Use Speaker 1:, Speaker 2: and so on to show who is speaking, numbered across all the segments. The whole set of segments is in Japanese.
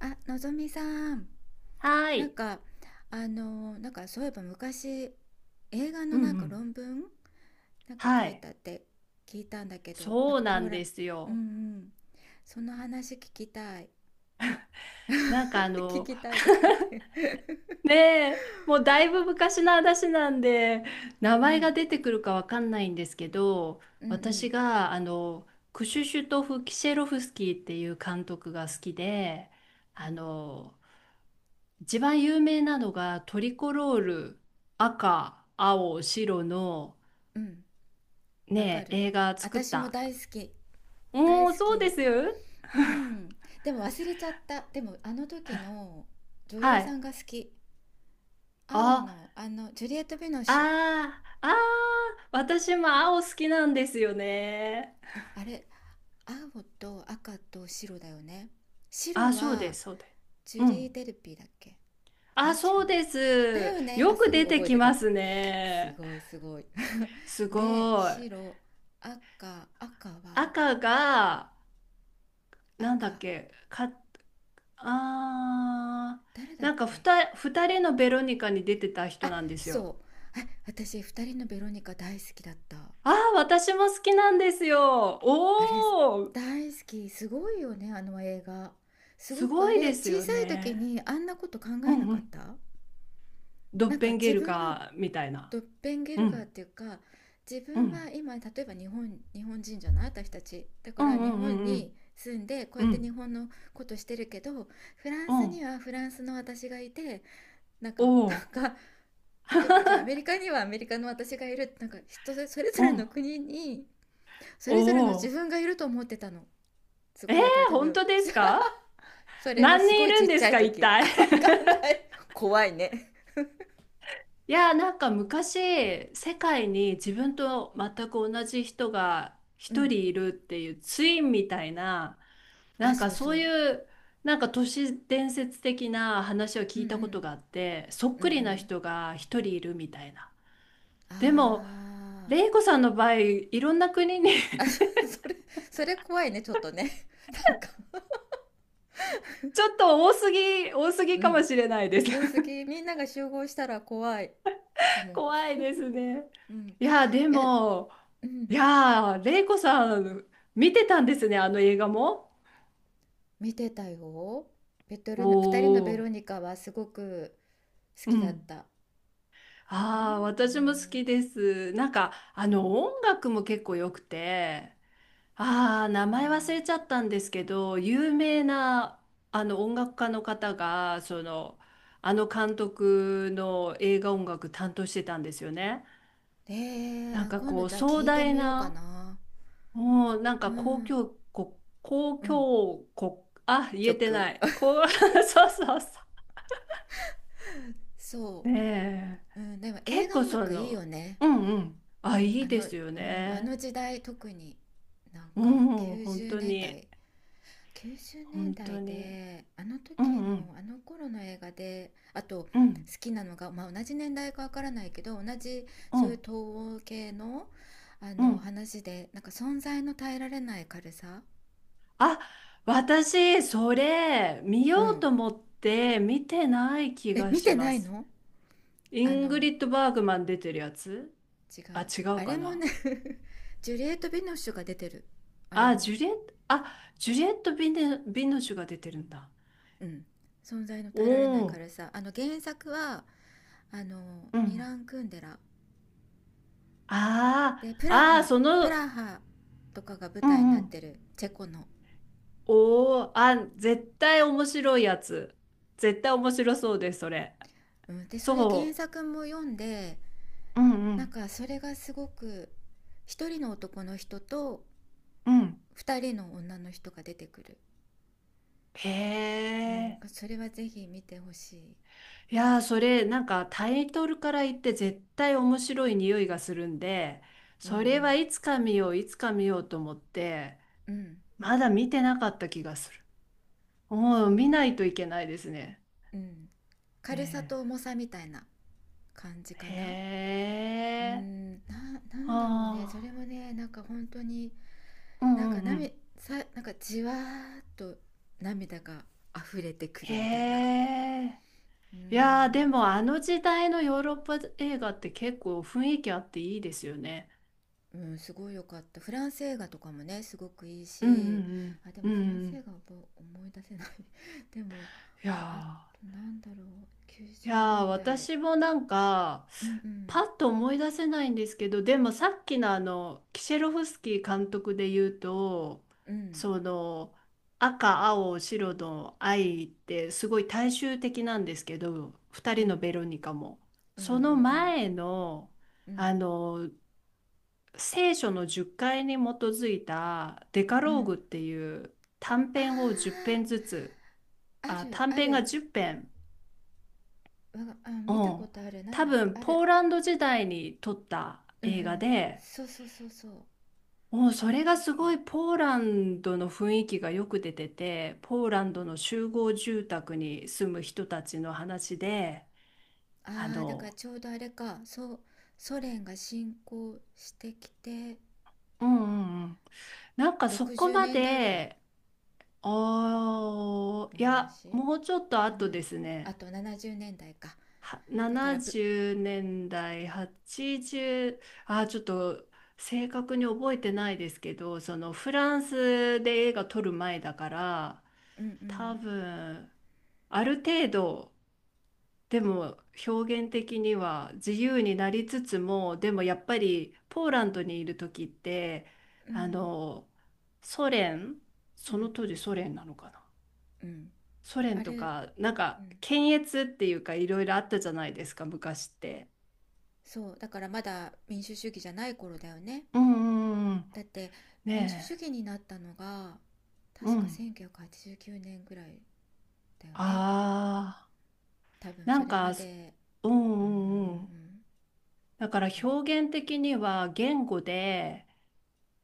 Speaker 1: あ、のぞみさん、
Speaker 2: は
Speaker 1: なん
Speaker 2: い。
Speaker 1: か、そういえば昔、映画
Speaker 2: う
Speaker 1: の
Speaker 2: んうん。
Speaker 1: 論文書
Speaker 2: は
Speaker 1: い
Speaker 2: い。
Speaker 1: たって聞いたんだけど、なん
Speaker 2: そう
Speaker 1: かポ
Speaker 2: な
Speaker 1: ー
Speaker 2: ん
Speaker 1: ラ、
Speaker 2: です
Speaker 1: うんう
Speaker 2: よ。
Speaker 1: ん、その話聞きたい
Speaker 2: なんかあ
Speaker 1: 聞
Speaker 2: の、
Speaker 1: きたいとか言って
Speaker 2: ねえ、もうだいぶ昔の話なんで、名
Speaker 1: う
Speaker 2: 前が
Speaker 1: ん、
Speaker 2: 出てくるかわかんないんですけど、
Speaker 1: うんう
Speaker 2: 私
Speaker 1: ん
Speaker 2: があの、クシュシュトフ・キシェロフスキーっていう監督が好きで、
Speaker 1: う
Speaker 2: あ
Speaker 1: ん
Speaker 2: の、一番有名なのがトリコロール、赤、青、白の
Speaker 1: うん。わか
Speaker 2: ねえ、
Speaker 1: る、
Speaker 2: 映画作っ
Speaker 1: 私も
Speaker 2: た。
Speaker 1: 大好き。大
Speaker 2: お
Speaker 1: 好
Speaker 2: ー、そうで
Speaker 1: き。
Speaker 2: す。
Speaker 1: うん、でも忘れちゃった。でもあの時の女
Speaker 2: は
Speaker 1: 優さ
Speaker 2: い。
Speaker 1: んが好き。青
Speaker 2: あ、
Speaker 1: のあのジュリエット・ヴィノッシュ。
Speaker 2: ああ、ああ、私も青好きなんですよね。
Speaker 1: あれ、青と赤と白だよね。
Speaker 2: あ
Speaker 1: 白
Speaker 2: あ、そうで
Speaker 1: は
Speaker 2: す、そうです。
Speaker 1: ジ
Speaker 2: う
Speaker 1: ュリー・
Speaker 2: ん。
Speaker 1: デルピーだっけ。あ
Speaker 2: あ、
Speaker 1: れ違う、
Speaker 2: そうで
Speaker 1: だ
Speaker 2: す。
Speaker 1: よね。あ、
Speaker 2: よ
Speaker 1: す
Speaker 2: く
Speaker 1: ごい
Speaker 2: 出て
Speaker 1: 覚え
Speaker 2: き
Speaker 1: て
Speaker 2: ま
Speaker 1: た。
Speaker 2: す
Speaker 1: す
Speaker 2: ね。
Speaker 1: ごいすごい
Speaker 2: す
Speaker 1: で
Speaker 2: ごい。
Speaker 1: 白、赤は
Speaker 2: 赤が、なんだっ
Speaker 1: 赤、
Speaker 2: け、か、ああ、
Speaker 1: 誰だっ
Speaker 2: なんか
Speaker 1: け。
Speaker 2: 二人のベロニカに出てた人
Speaker 1: あ、
Speaker 2: なんですよ。
Speaker 1: そう。あ、私、二人のベロニカ大好きだった。
Speaker 2: ああ、私も好きなんですよ。
Speaker 1: あれ
Speaker 2: おお、
Speaker 1: 大好き。すごいよね、あの映画。す
Speaker 2: す
Speaker 1: ごく
Speaker 2: ご
Speaker 1: あ
Speaker 2: いで
Speaker 1: れ、
Speaker 2: す
Speaker 1: 小
Speaker 2: よ
Speaker 1: さい時
Speaker 2: ね。
Speaker 1: にあんなこと考
Speaker 2: う
Speaker 1: えな
Speaker 2: んう
Speaker 1: かっ
Speaker 2: ん。
Speaker 1: た。
Speaker 2: ドッペンゲ
Speaker 1: 自
Speaker 2: ル
Speaker 1: 分の
Speaker 2: ガーみたいな。
Speaker 1: ドッペンゲ
Speaker 2: う
Speaker 1: ルガーっ
Speaker 2: ん
Speaker 1: ていうか、自
Speaker 2: う
Speaker 1: 分
Speaker 2: ん。
Speaker 1: は今、例えば、日本人じゃない私たちだか
Speaker 2: う
Speaker 1: ら、
Speaker 2: んう
Speaker 1: 日本
Speaker 2: んう
Speaker 1: に
Speaker 2: ん
Speaker 1: 住んでこう
Speaker 2: う
Speaker 1: やっ
Speaker 2: ん。う
Speaker 1: て日
Speaker 2: ん。
Speaker 1: 本のことしてるけど、フラン
Speaker 2: う
Speaker 1: ス
Speaker 2: ん。
Speaker 1: にはフランスの私がいて、なんか
Speaker 2: おお。
Speaker 1: なんか例えばじゃあアメリカにはアメリカの私がいる、人それぞ
Speaker 2: う
Speaker 1: れ
Speaker 2: ん。
Speaker 1: の国にそ
Speaker 2: お
Speaker 1: れぞれの自
Speaker 2: お。
Speaker 1: 分がいると思ってたの。す
Speaker 2: え
Speaker 1: ご
Speaker 2: ー、
Speaker 1: い、だから多
Speaker 2: 本
Speaker 1: 分
Speaker 2: 当ですか？
Speaker 1: それも
Speaker 2: 何
Speaker 1: す
Speaker 2: 人
Speaker 1: ご
Speaker 2: い
Speaker 1: い
Speaker 2: る
Speaker 1: ち
Speaker 2: ん
Speaker 1: っ
Speaker 2: で
Speaker 1: ち
Speaker 2: す
Speaker 1: ゃい
Speaker 2: か、一
Speaker 1: 時。
Speaker 2: 体。
Speaker 1: あ、わかんな い、怖いね。
Speaker 2: いやー、なんか昔、世界に自分と全く同じ人が
Speaker 1: う
Speaker 2: 一
Speaker 1: ん。
Speaker 2: 人いるっていうツインみたいな、
Speaker 1: あ、
Speaker 2: なん
Speaker 1: そ
Speaker 2: か
Speaker 1: うそ
Speaker 2: そう
Speaker 1: う。
Speaker 2: いう、なんか都市伝説的な話を
Speaker 1: うん
Speaker 2: 聞
Speaker 1: う
Speaker 2: いたこ
Speaker 1: ん
Speaker 2: とがあって、そっ
Speaker 1: うんう
Speaker 2: くりな
Speaker 1: ん。
Speaker 2: 人が一人いるみたいな。でも、
Speaker 1: あ
Speaker 2: レイコさんの場合、いろんな国に、
Speaker 1: ー それ、それ怖いねちょっとね なんか
Speaker 2: ちょっと多すぎ、多す ぎ
Speaker 1: う
Speaker 2: かも
Speaker 1: ん、
Speaker 2: しれないです。
Speaker 1: 多す ぎ、みんなが集合したら怖いかも。
Speaker 2: 怖いですね。
Speaker 1: うん、い
Speaker 2: いや、で
Speaker 1: や、
Speaker 2: も、
Speaker 1: う
Speaker 2: い
Speaker 1: ん。
Speaker 2: や、レイコさん、見てたんですね、あの映画も。
Speaker 1: 見てたよ。ベト
Speaker 2: お
Speaker 1: ルの二人のベロ
Speaker 2: お、
Speaker 1: ニカはすごく好
Speaker 2: う
Speaker 1: きだっ
Speaker 2: ん。
Speaker 1: た。あの、う
Speaker 2: ああ、私も好
Speaker 1: ん、
Speaker 2: きです。なんか、あの、音楽も結構良くて、ああ、名
Speaker 1: あ
Speaker 2: 前忘れちゃったんですけど、有名な、あの、音楽家の方が、その、あの監督の映画音楽担当してたんですよね。
Speaker 1: ー、ねえ
Speaker 2: な
Speaker 1: ー、
Speaker 2: ん
Speaker 1: あ、
Speaker 2: か
Speaker 1: 今度
Speaker 2: こう
Speaker 1: じゃあ
Speaker 2: 壮
Speaker 1: 聞いて
Speaker 2: 大
Speaker 1: みようか
Speaker 2: な、
Speaker 1: な。
Speaker 2: もうなん
Speaker 1: う
Speaker 2: か公
Speaker 1: ん
Speaker 2: 共国、公
Speaker 1: うん、
Speaker 2: 共国、あ、言えて
Speaker 1: 曲
Speaker 2: ない。こう、そうそうそ
Speaker 1: そ
Speaker 2: う。ねえ、
Speaker 1: う、うん、でも映
Speaker 2: 結
Speaker 1: 画
Speaker 2: 構
Speaker 1: 音
Speaker 2: そ
Speaker 1: 楽いいよ
Speaker 2: の、
Speaker 1: ね。
Speaker 2: うんうん。
Speaker 1: う
Speaker 2: あ、
Speaker 1: ん、
Speaker 2: いい
Speaker 1: あ
Speaker 2: で
Speaker 1: の、う
Speaker 2: すよ
Speaker 1: ん、あの
Speaker 2: ね。
Speaker 1: 時代特に、なん
Speaker 2: う
Speaker 1: か
Speaker 2: ん、本
Speaker 1: 90
Speaker 2: 当
Speaker 1: 年
Speaker 2: に、
Speaker 1: 代90年
Speaker 2: 本当
Speaker 1: 代
Speaker 2: に。
Speaker 1: であの
Speaker 2: うん
Speaker 1: 時
Speaker 2: う
Speaker 1: の
Speaker 2: ん、
Speaker 1: あの頃の映画で、あと好
Speaker 2: うん、
Speaker 1: きなのが、まあ、同じ年代かわからないけど、同じ
Speaker 2: う
Speaker 1: そういう
Speaker 2: ん、
Speaker 1: 東欧系の、あ
Speaker 2: う
Speaker 1: の
Speaker 2: ん。
Speaker 1: 話で、存在の耐えられない軽さ。
Speaker 2: あ、私、それ、見
Speaker 1: う
Speaker 2: よう
Speaker 1: ん。
Speaker 2: と思って見てない気
Speaker 1: え、
Speaker 2: が
Speaker 1: 見
Speaker 2: し
Speaker 1: て
Speaker 2: ま
Speaker 1: ない
Speaker 2: す。
Speaker 1: の。
Speaker 2: イ
Speaker 1: あ
Speaker 2: ング
Speaker 1: の、
Speaker 2: リッド・バーグマン出てるやつ。
Speaker 1: 違う。
Speaker 2: あ、違う
Speaker 1: あれ
Speaker 2: か
Speaker 1: も
Speaker 2: な。
Speaker 1: ね ジュリエット・ビノッシュが出てる、あれ
Speaker 2: あ、
Speaker 1: も。
Speaker 2: ジュリエット、あ、ジュリエット・ビノシュが出てるんだ。
Speaker 1: うん。存在の
Speaker 2: お
Speaker 1: 耐えられない
Speaker 2: お、
Speaker 1: 軽さ、あの原作はあの
Speaker 2: う
Speaker 1: ミ
Speaker 2: ん。
Speaker 1: ラン・クンデラ。
Speaker 2: あ
Speaker 1: で、プ
Speaker 2: あ、
Speaker 1: ラ
Speaker 2: ああ、
Speaker 1: ハ、
Speaker 2: そ
Speaker 1: プ
Speaker 2: の、
Speaker 1: ラハとかが舞
Speaker 2: う
Speaker 1: 台に
Speaker 2: ん
Speaker 1: な
Speaker 2: う
Speaker 1: っ
Speaker 2: ん。
Speaker 1: てるチェコの、
Speaker 2: おお、あ、絶対面白いやつ。絶対面白そうです、それ。
Speaker 1: うん、でそれ原
Speaker 2: そ
Speaker 1: 作も読んで、
Speaker 2: う。うんうん
Speaker 1: それがすごく、一人の男の人と
Speaker 2: うん。
Speaker 1: 二人の女の人が出てくる、
Speaker 2: へ
Speaker 1: うん、
Speaker 2: え。
Speaker 1: それはぜひ見てほしい。
Speaker 2: いやー、それ、なんかタイトルから言って絶対面白い匂いがするんで、
Speaker 1: う
Speaker 2: それ
Speaker 1: ん
Speaker 2: はいつか見よう、いつか見ようと思って、
Speaker 1: うんうん。
Speaker 2: まだ見てなかった気がする。う
Speaker 1: そう、
Speaker 2: ん、見ないといけないですね。
Speaker 1: うん。軽さ
Speaker 2: ね
Speaker 1: と重さみたいな感じか
Speaker 2: え、
Speaker 1: な。
Speaker 2: へ
Speaker 1: うー
Speaker 2: え。
Speaker 1: ん、ななんだろうね、それ
Speaker 2: あ
Speaker 1: もね、本当に、
Speaker 2: あ。うんうんうん。
Speaker 1: 涙さ、じわーっと涙が溢れてく
Speaker 2: へ
Speaker 1: るみたいな。
Speaker 2: え。
Speaker 1: う
Speaker 2: いやー、で
Speaker 1: ん、
Speaker 2: もあの時代のヨーロッパ映画って結構雰囲気あっていいですよね。
Speaker 1: うん、すごい良かった。フランス映画とかもねすごくいい
Speaker 2: うんう
Speaker 1: し、
Speaker 2: ん
Speaker 1: あ、で
Speaker 2: うん。う
Speaker 1: もフラン
Speaker 2: んう
Speaker 1: ス
Speaker 2: ん。
Speaker 1: 映画はもう思い出せない でも
Speaker 2: いや
Speaker 1: あと
Speaker 2: ー。
Speaker 1: なんだろう、
Speaker 2: い
Speaker 1: 90年
Speaker 2: やー、
Speaker 1: 代
Speaker 2: 私もなんか、
Speaker 1: うねん
Speaker 2: パ
Speaker 1: だ
Speaker 2: ッと思い出せないんですけど、でもさっきのあの、キシェロフスキー監督で言うと、
Speaker 1: い、うんうん
Speaker 2: その、赤、青、白の愛ってすごい大衆的なんですけど、二
Speaker 1: う
Speaker 2: 人の
Speaker 1: ん
Speaker 2: ベロニカも。
Speaker 1: うんう
Speaker 2: その
Speaker 1: ん
Speaker 2: 前の、
Speaker 1: うんうん
Speaker 2: あの、聖書の10回に基づいたデカ
Speaker 1: うんう
Speaker 2: ローグ
Speaker 1: ん。
Speaker 2: っていう短
Speaker 1: あー、
Speaker 2: 編を10編ずつ、
Speaker 1: あ
Speaker 2: あ、
Speaker 1: る
Speaker 2: 短
Speaker 1: あ
Speaker 2: 編が
Speaker 1: る、
Speaker 2: 10編。
Speaker 1: わが、あ、
Speaker 2: う
Speaker 1: 見たこ
Speaker 2: ん、
Speaker 1: とある、なん
Speaker 2: 多
Speaker 1: だっけ、
Speaker 2: 分
Speaker 1: あ
Speaker 2: ポ
Speaker 1: る。
Speaker 2: ーランド時代に撮った
Speaker 1: うんう
Speaker 2: 映画
Speaker 1: ん、
Speaker 2: で、
Speaker 1: そうそうそうそう、な
Speaker 2: もうそれが
Speaker 1: んだっ
Speaker 2: すご
Speaker 1: け。
Speaker 2: いポーランドの雰囲気がよく出てて、ポーランドの集合住宅に住む人たちの話で、あ
Speaker 1: ああ、だから
Speaker 2: の、
Speaker 1: ちょうどあれか、そう、ソ連が侵攻してきて、
Speaker 2: うんうんうん、なんかそ
Speaker 1: 60
Speaker 2: こま
Speaker 1: 年代ぐらい
Speaker 2: で、あー
Speaker 1: の
Speaker 2: いや、
Speaker 1: 話、
Speaker 2: もうちょっと
Speaker 1: な
Speaker 2: 後
Speaker 1: な、
Speaker 2: です
Speaker 1: あ
Speaker 2: ね。
Speaker 1: と70年代か。
Speaker 2: は
Speaker 1: だからぶ、
Speaker 2: 70年代、80、あー、ちょっと正確に覚えてないですけど、そのフランスで映画撮る前だから、
Speaker 1: うんう
Speaker 2: 多
Speaker 1: ん、
Speaker 2: 分、ある程度、でも表現的には自由になりつつも、でもやっぱりポーランドにいる時って、
Speaker 1: う
Speaker 2: あ
Speaker 1: ん、
Speaker 2: の、ソ連、
Speaker 1: う
Speaker 2: そ
Speaker 1: ん、
Speaker 2: の当時ソ連なのかな。
Speaker 1: うん。
Speaker 2: ソ連
Speaker 1: あ
Speaker 2: と
Speaker 1: れ、
Speaker 2: か、なん
Speaker 1: う
Speaker 2: か、
Speaker 1: ん。
Speaker 2: 検閲っていうかいろいろあったじゃないですか、昔って。
Speaker 1: そう、だからまだ民主主義じゃない頃だよね。
Speaker 2: うんうんうん。
Speaker 1: だって民主主
Speaker 2: ね
Speaker 1: 義になったのが、
Speaker 2: え。う
Speaker 1: 確か
Speaker 2: ん。
Speaker 1: 1989年ぐらいだよ
Speaker 2: あ
Speaker 1: ね。
Speaker 2: あ。
Speaker 1: 多分
Speaker 2: な
Speaker 1: そ
Speaker 2: ん
Speaker 1: れま
Speaker 2: か、
Speaker 1: で、
Speaker 2: うん
Speaker 1: うう
Speaker 2: う
Speaker 1: んうんう
Speaker 2: んうん。
Speaker 1: ん、
Speaker 2: だから
Speaker 1: そう。
Speaker 2: 表現的には言語で、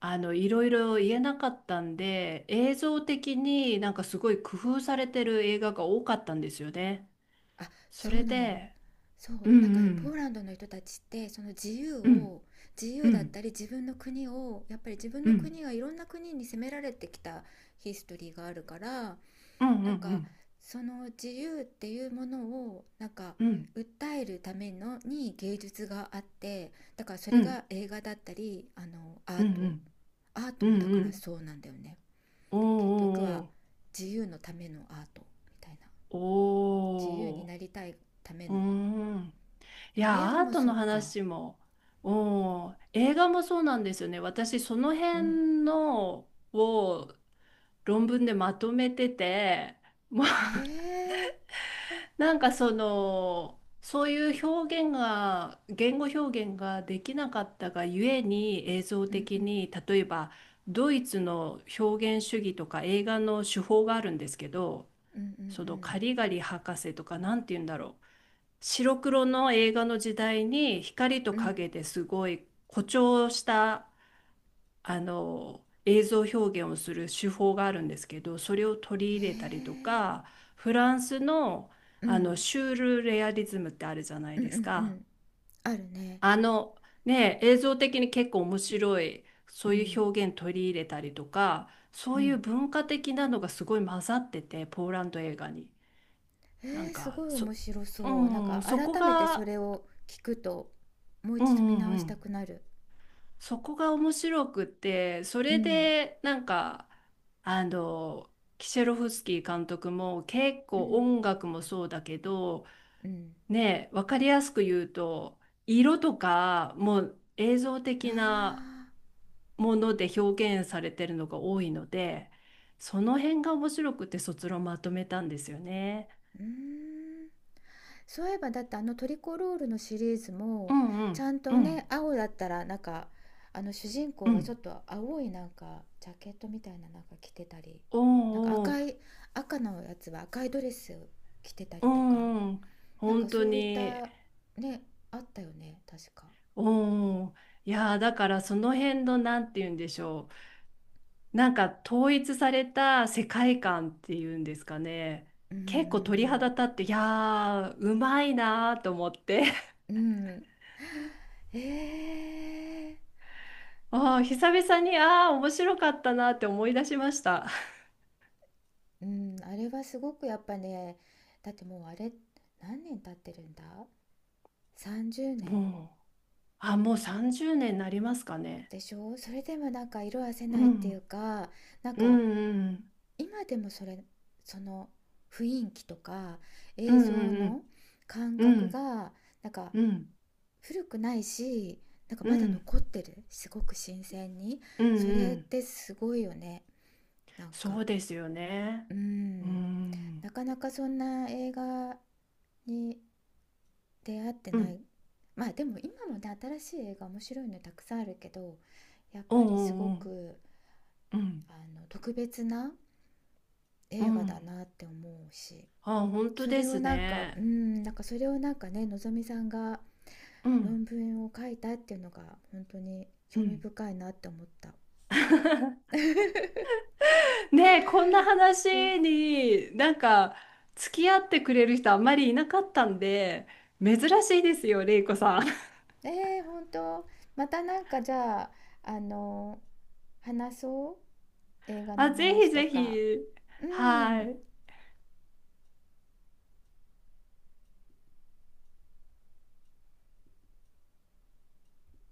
Speaker 2: あの、いろいろ言えなかったんで、映像的になんかすごい工夫されてる映画が多かったんですよね。
Speaker 1: あ、
Speaker 2: そ
Speaker 1: そ
Speaker 2: れ
Speaker 1: うなの。
Speaker 2: で、
Speaker 1: そ
Speaker 2: う
Speaker 1: う、
Speaker 2: んう
Speaker 1: ポー
Speaker 2: ん。
Speaker 1: ランドの人たちって、その自由
Speaker 2: うん
Speaker 1: を、自
Speaker 2: う
Speaker 1: 由だっ
Speaker 2: ん
Speaker 1: たり、自分の国を、やっぱり自分
Speaker 2: う
Speaker 1: の
Speaker 2: ん。
Speaker 1: 国がいろんな国に攻められてきたヒストリーがあるから、
Speaker 2: うんうんう
Speaker 1: なんか
Speaker 2: ん。
Speaker 1: その自由っていうものを
Speaker 2: うん
Speaker 1: 訴えるためのに芸術があって、だからそ
Speaker 2: う
Speaker 1: れ
Speaker 2: ん
Speaker 1: が映画だったり、あのア
Speaker 2: う
Speaker 1: ー
Speaker 2: ん
Speaker 1: ト、アート
Speaker 2: うんう
Speaker 1: もだ
Speaker 2: んうん
Speaker 1: か
Speaker 2: う
Speaker 1: ら
Speaker 2: ん。
Speaker 1: そうなんだよね、
Speaker 2: お
Speaker 1: 結局は。
Speaker 2: ー
Speaker 1: 自由のためのアートみたいな、
Speaker 2: お
Speaker 1: 自由に
Speaker 2: ーお
Speaker 1: なりたいため
Speaker 2: ー。おーう
Speaker 1: の。
Speaker 2: ーん。い
Speaker 1: でも映画
Speaker 2: や、アー
Speaker 1: も
Speaker 2: ト
Speaker 1: そ
Speaker 2: の
Speaker 1: っか。
Speaker 2: 話も、うん、映画もそうなんですよね。私、その
Speaker 1: うん、
Speaker 2: 辺のを論文でまとめてて、もう、
Speaker 1: ええ
Speaker 2: なんかその、そういう表現が、言語表現ができなかったがゆえに映像
Speaker 1: ー、うんう
Speaker 2: 的
Speaker 1: ん
Speaker 2: に、例えばドイツの表現主義とか映画の手法があるんですけど、
Speaker 1: うんう
Speaker 2: そのカ
Speaker 1: ん
Speaker 2: リガリ博士とか、なんて言うんだろう。白黒の映画の時代に光と
Speaker 1: うん。うん
Speaker 2: 影ですごい誇張したあの映像表現をする手法があるんですけど、それを取り
Speaker 1: へえ
Speaker 2: 入れたりと
Speaker 1: ー、
Speaker 2: か、フランスの、
Speaker 1: う
Speaker 2: あの
Speaker 1: ん
Speaker 2: シュールレアリズムってあるじゃない
Speaker 1: うんう
Speaker 2: で
Speaker 1: ん
Speaker 2: す
Speaker 1: う
Speaker 2: か。
Speaker 1: ん。あるね。
Speaker 2: あの、ね、映像的に結構面白いそ
Speaker 1: う
Speaker 2: うい
Speaker 1: ん
Speaker 2: う表現取り入れたりとか、そ
Speaker 1: う
Speaker 2: ういう
Speaker 1: ん、
Speaker 2: 文化的なのがすごい混ざっててポーランド映画に。
Speaker 1: え
Speaker 2: なん
Speaker 1: ー、す
Speaker 2: か
Speaker 1: ごい面白
Speaker 2: う
Speaker 1: そう。
Speaker 2: ん、そこ
Speaker 1: 改めてそ
Speaker 2: が、
Speaker 1: れを聞くと、もう
Speaker 2: うん
Speaker 1: 一度見
Speaker 2: う
Speaker 1: 直
Speaker 2: んう
Speaker 1: した
Speaker 2: ん。
Speaker 1: くなる。
Speaker 2: そこが面白くって、そ
Speaker 1: う
Speaker 2: れ
Speaker 1: ん
Speaker 2: でなんか、あの、キシェロフスキー監督も結
Speaker 1: う
Speaker 2: 構
Speaker 1: ん
Speaker 2: 音楽もそうだけど、
Speaker 1: うん、
Speaker 2: ね、分かりやすく言うと、色とかもう映像的な
Speaker 1: あ
Speaker 2: もので表現されてるのが多いので、その辺が面白くて卒論まとめたんですよ
Speaker 1: あー、
Speaker 2: ね。
Speaker 1: うーん、そういえば、だってあのトリコロールのシリーズ
Speaker 2: う
Speaker 1: も
Speaker 2: んう
Speaker 1: ちゃ
Speaker 2: ん
Speaker 1: ん
Speaker 2: う
Speaker 1: とね、
Speaker 2: ん
Speaker 1: 青だったらあの主人公
Speaker 2: う
Speaker 1: がちょっ
Speaker 2: ん。
Speaker 1: と青いジャケットみたいな着てたり、
Speaker 2: おーお
Speaker 1: 赤
Speaker 2: ー、
Speaker 1: い、赤のやつは赤いドレスを着てた
Speaker 2: う
Speaker 1: りとか、
Speaker 2: んうん。本当
Speaker 1: そういっ
Speaker 2: に。
Speaker 1: た、ね、あったよね確か。
Speaker 2: おー、いやー、だからその辺の、なんて言うんでしょう、なんか統一された世界観っていうんですかね。
Speaker 1: うんう
Speaker 2: 結構鳥
Speaker 1: ん
Speaker 2: 肌立って、いやーうまいなーと思って、
Speaker 1: うんうん、えー、
Speaker 2: あー久々に、あー面白かったなーって思い出しました。
Speaker 1: うん。あれはすごくやっぱね、だってもうあれ、何年経ってるんだ、30 年
Speaker 2: もう、あ、もう30年になりますかね。
Speaker 1: でしょ。それでも色褪せ
Speaker 2: う
Speaker 1: ないってい
Speaker 2: ん
Speaker 1: うか、なん
Speaker 2: う
Speaker 1: か
Speaker 2: ん
Speaker 1: 今でもそれ、その雰囲気とか
Speaker 2: う
Speaker 1: 映
Speaker 2: ん
Speaker 1: 像
Speaker 2: う
Speaker 1: の
Speaker 2: ん
Speaker 1: 感
Speaker 2: う
Speaker 1: 覚
Speaker 2: ん
Speaker 1: がなんか
Speaker 2: うん
Speaker 1: 古くないし、
Speaker 2: うん
Speaker 1: ま
Speaker 2: うんう
Speaker 1: だ
Speaker 2: ん
Speaker 1: 残ってる、すごく新鮮に。
Speaker 2: う
Speaker 1: そ
Speaker 2: んう
Speaker 1: れっ
Speaker 2: ん。
Speaker 1: てすごいよね。なん
Speaker 2: そ
Speaker 1: か
Speaker 2: うですよね。
Speaker 1: う
Speaker 2: う
Speaker 1: ん、
Speaker 2: ん
Speaker 1: なかなかそんな映画に出会って
Speaker 2: う
Speaker 1: な
Speaker 2: ん。
Speaker 1: い。まあでも今もね、新しい映画面白いのたくさんあるけど、やっ
Speaker 2: お
Speaker 1: ぱ
Speaker 2: う
Speaker 1: り
Speaker 2: お
Speaker 1: すご
Speaker 2: うおう。
Speaker 1: く、
Speaker 2: うん、
Speaker 1: あの、特別な
Speaker 2: う
Speaker 1: 映画だ
Speaker 2: ん、
Speaker 1: なって思うし、
Speaker 2: あ、本当
Speaker 1: そ
Speaker 2: で
Speaker 1: れを
Speaker 2: す
Speaker 1: う
Speaker 2: ね。
Speaker 1: ん、なんかそれをなんかね、のぞみさんが
Speaker 2: うん、
Speaker 1: 論文を書いたっていうのが本当に
Speaker 2: う
Speaker 1: 興味
Speaker 2: ん。
Speaker 1: 深いなって思った。
Speaker 2: ねえ、こんな話になんか付き合ってくれる人あんまりいなかったんで、珍しいですよ、れいこさん。
Speaker 1: えー、本当。またなんかじゃあ、あの、話そう、映 画の
Speaker 2: あ、ぜ
Speaker 1: 話
Speaker 2: ひ
Speaker 1: と
Speaker 2: ぜひ。
Speaker 1: か。う
Speaker 2: は
Speaker 1: ん。
Speaker 2: い。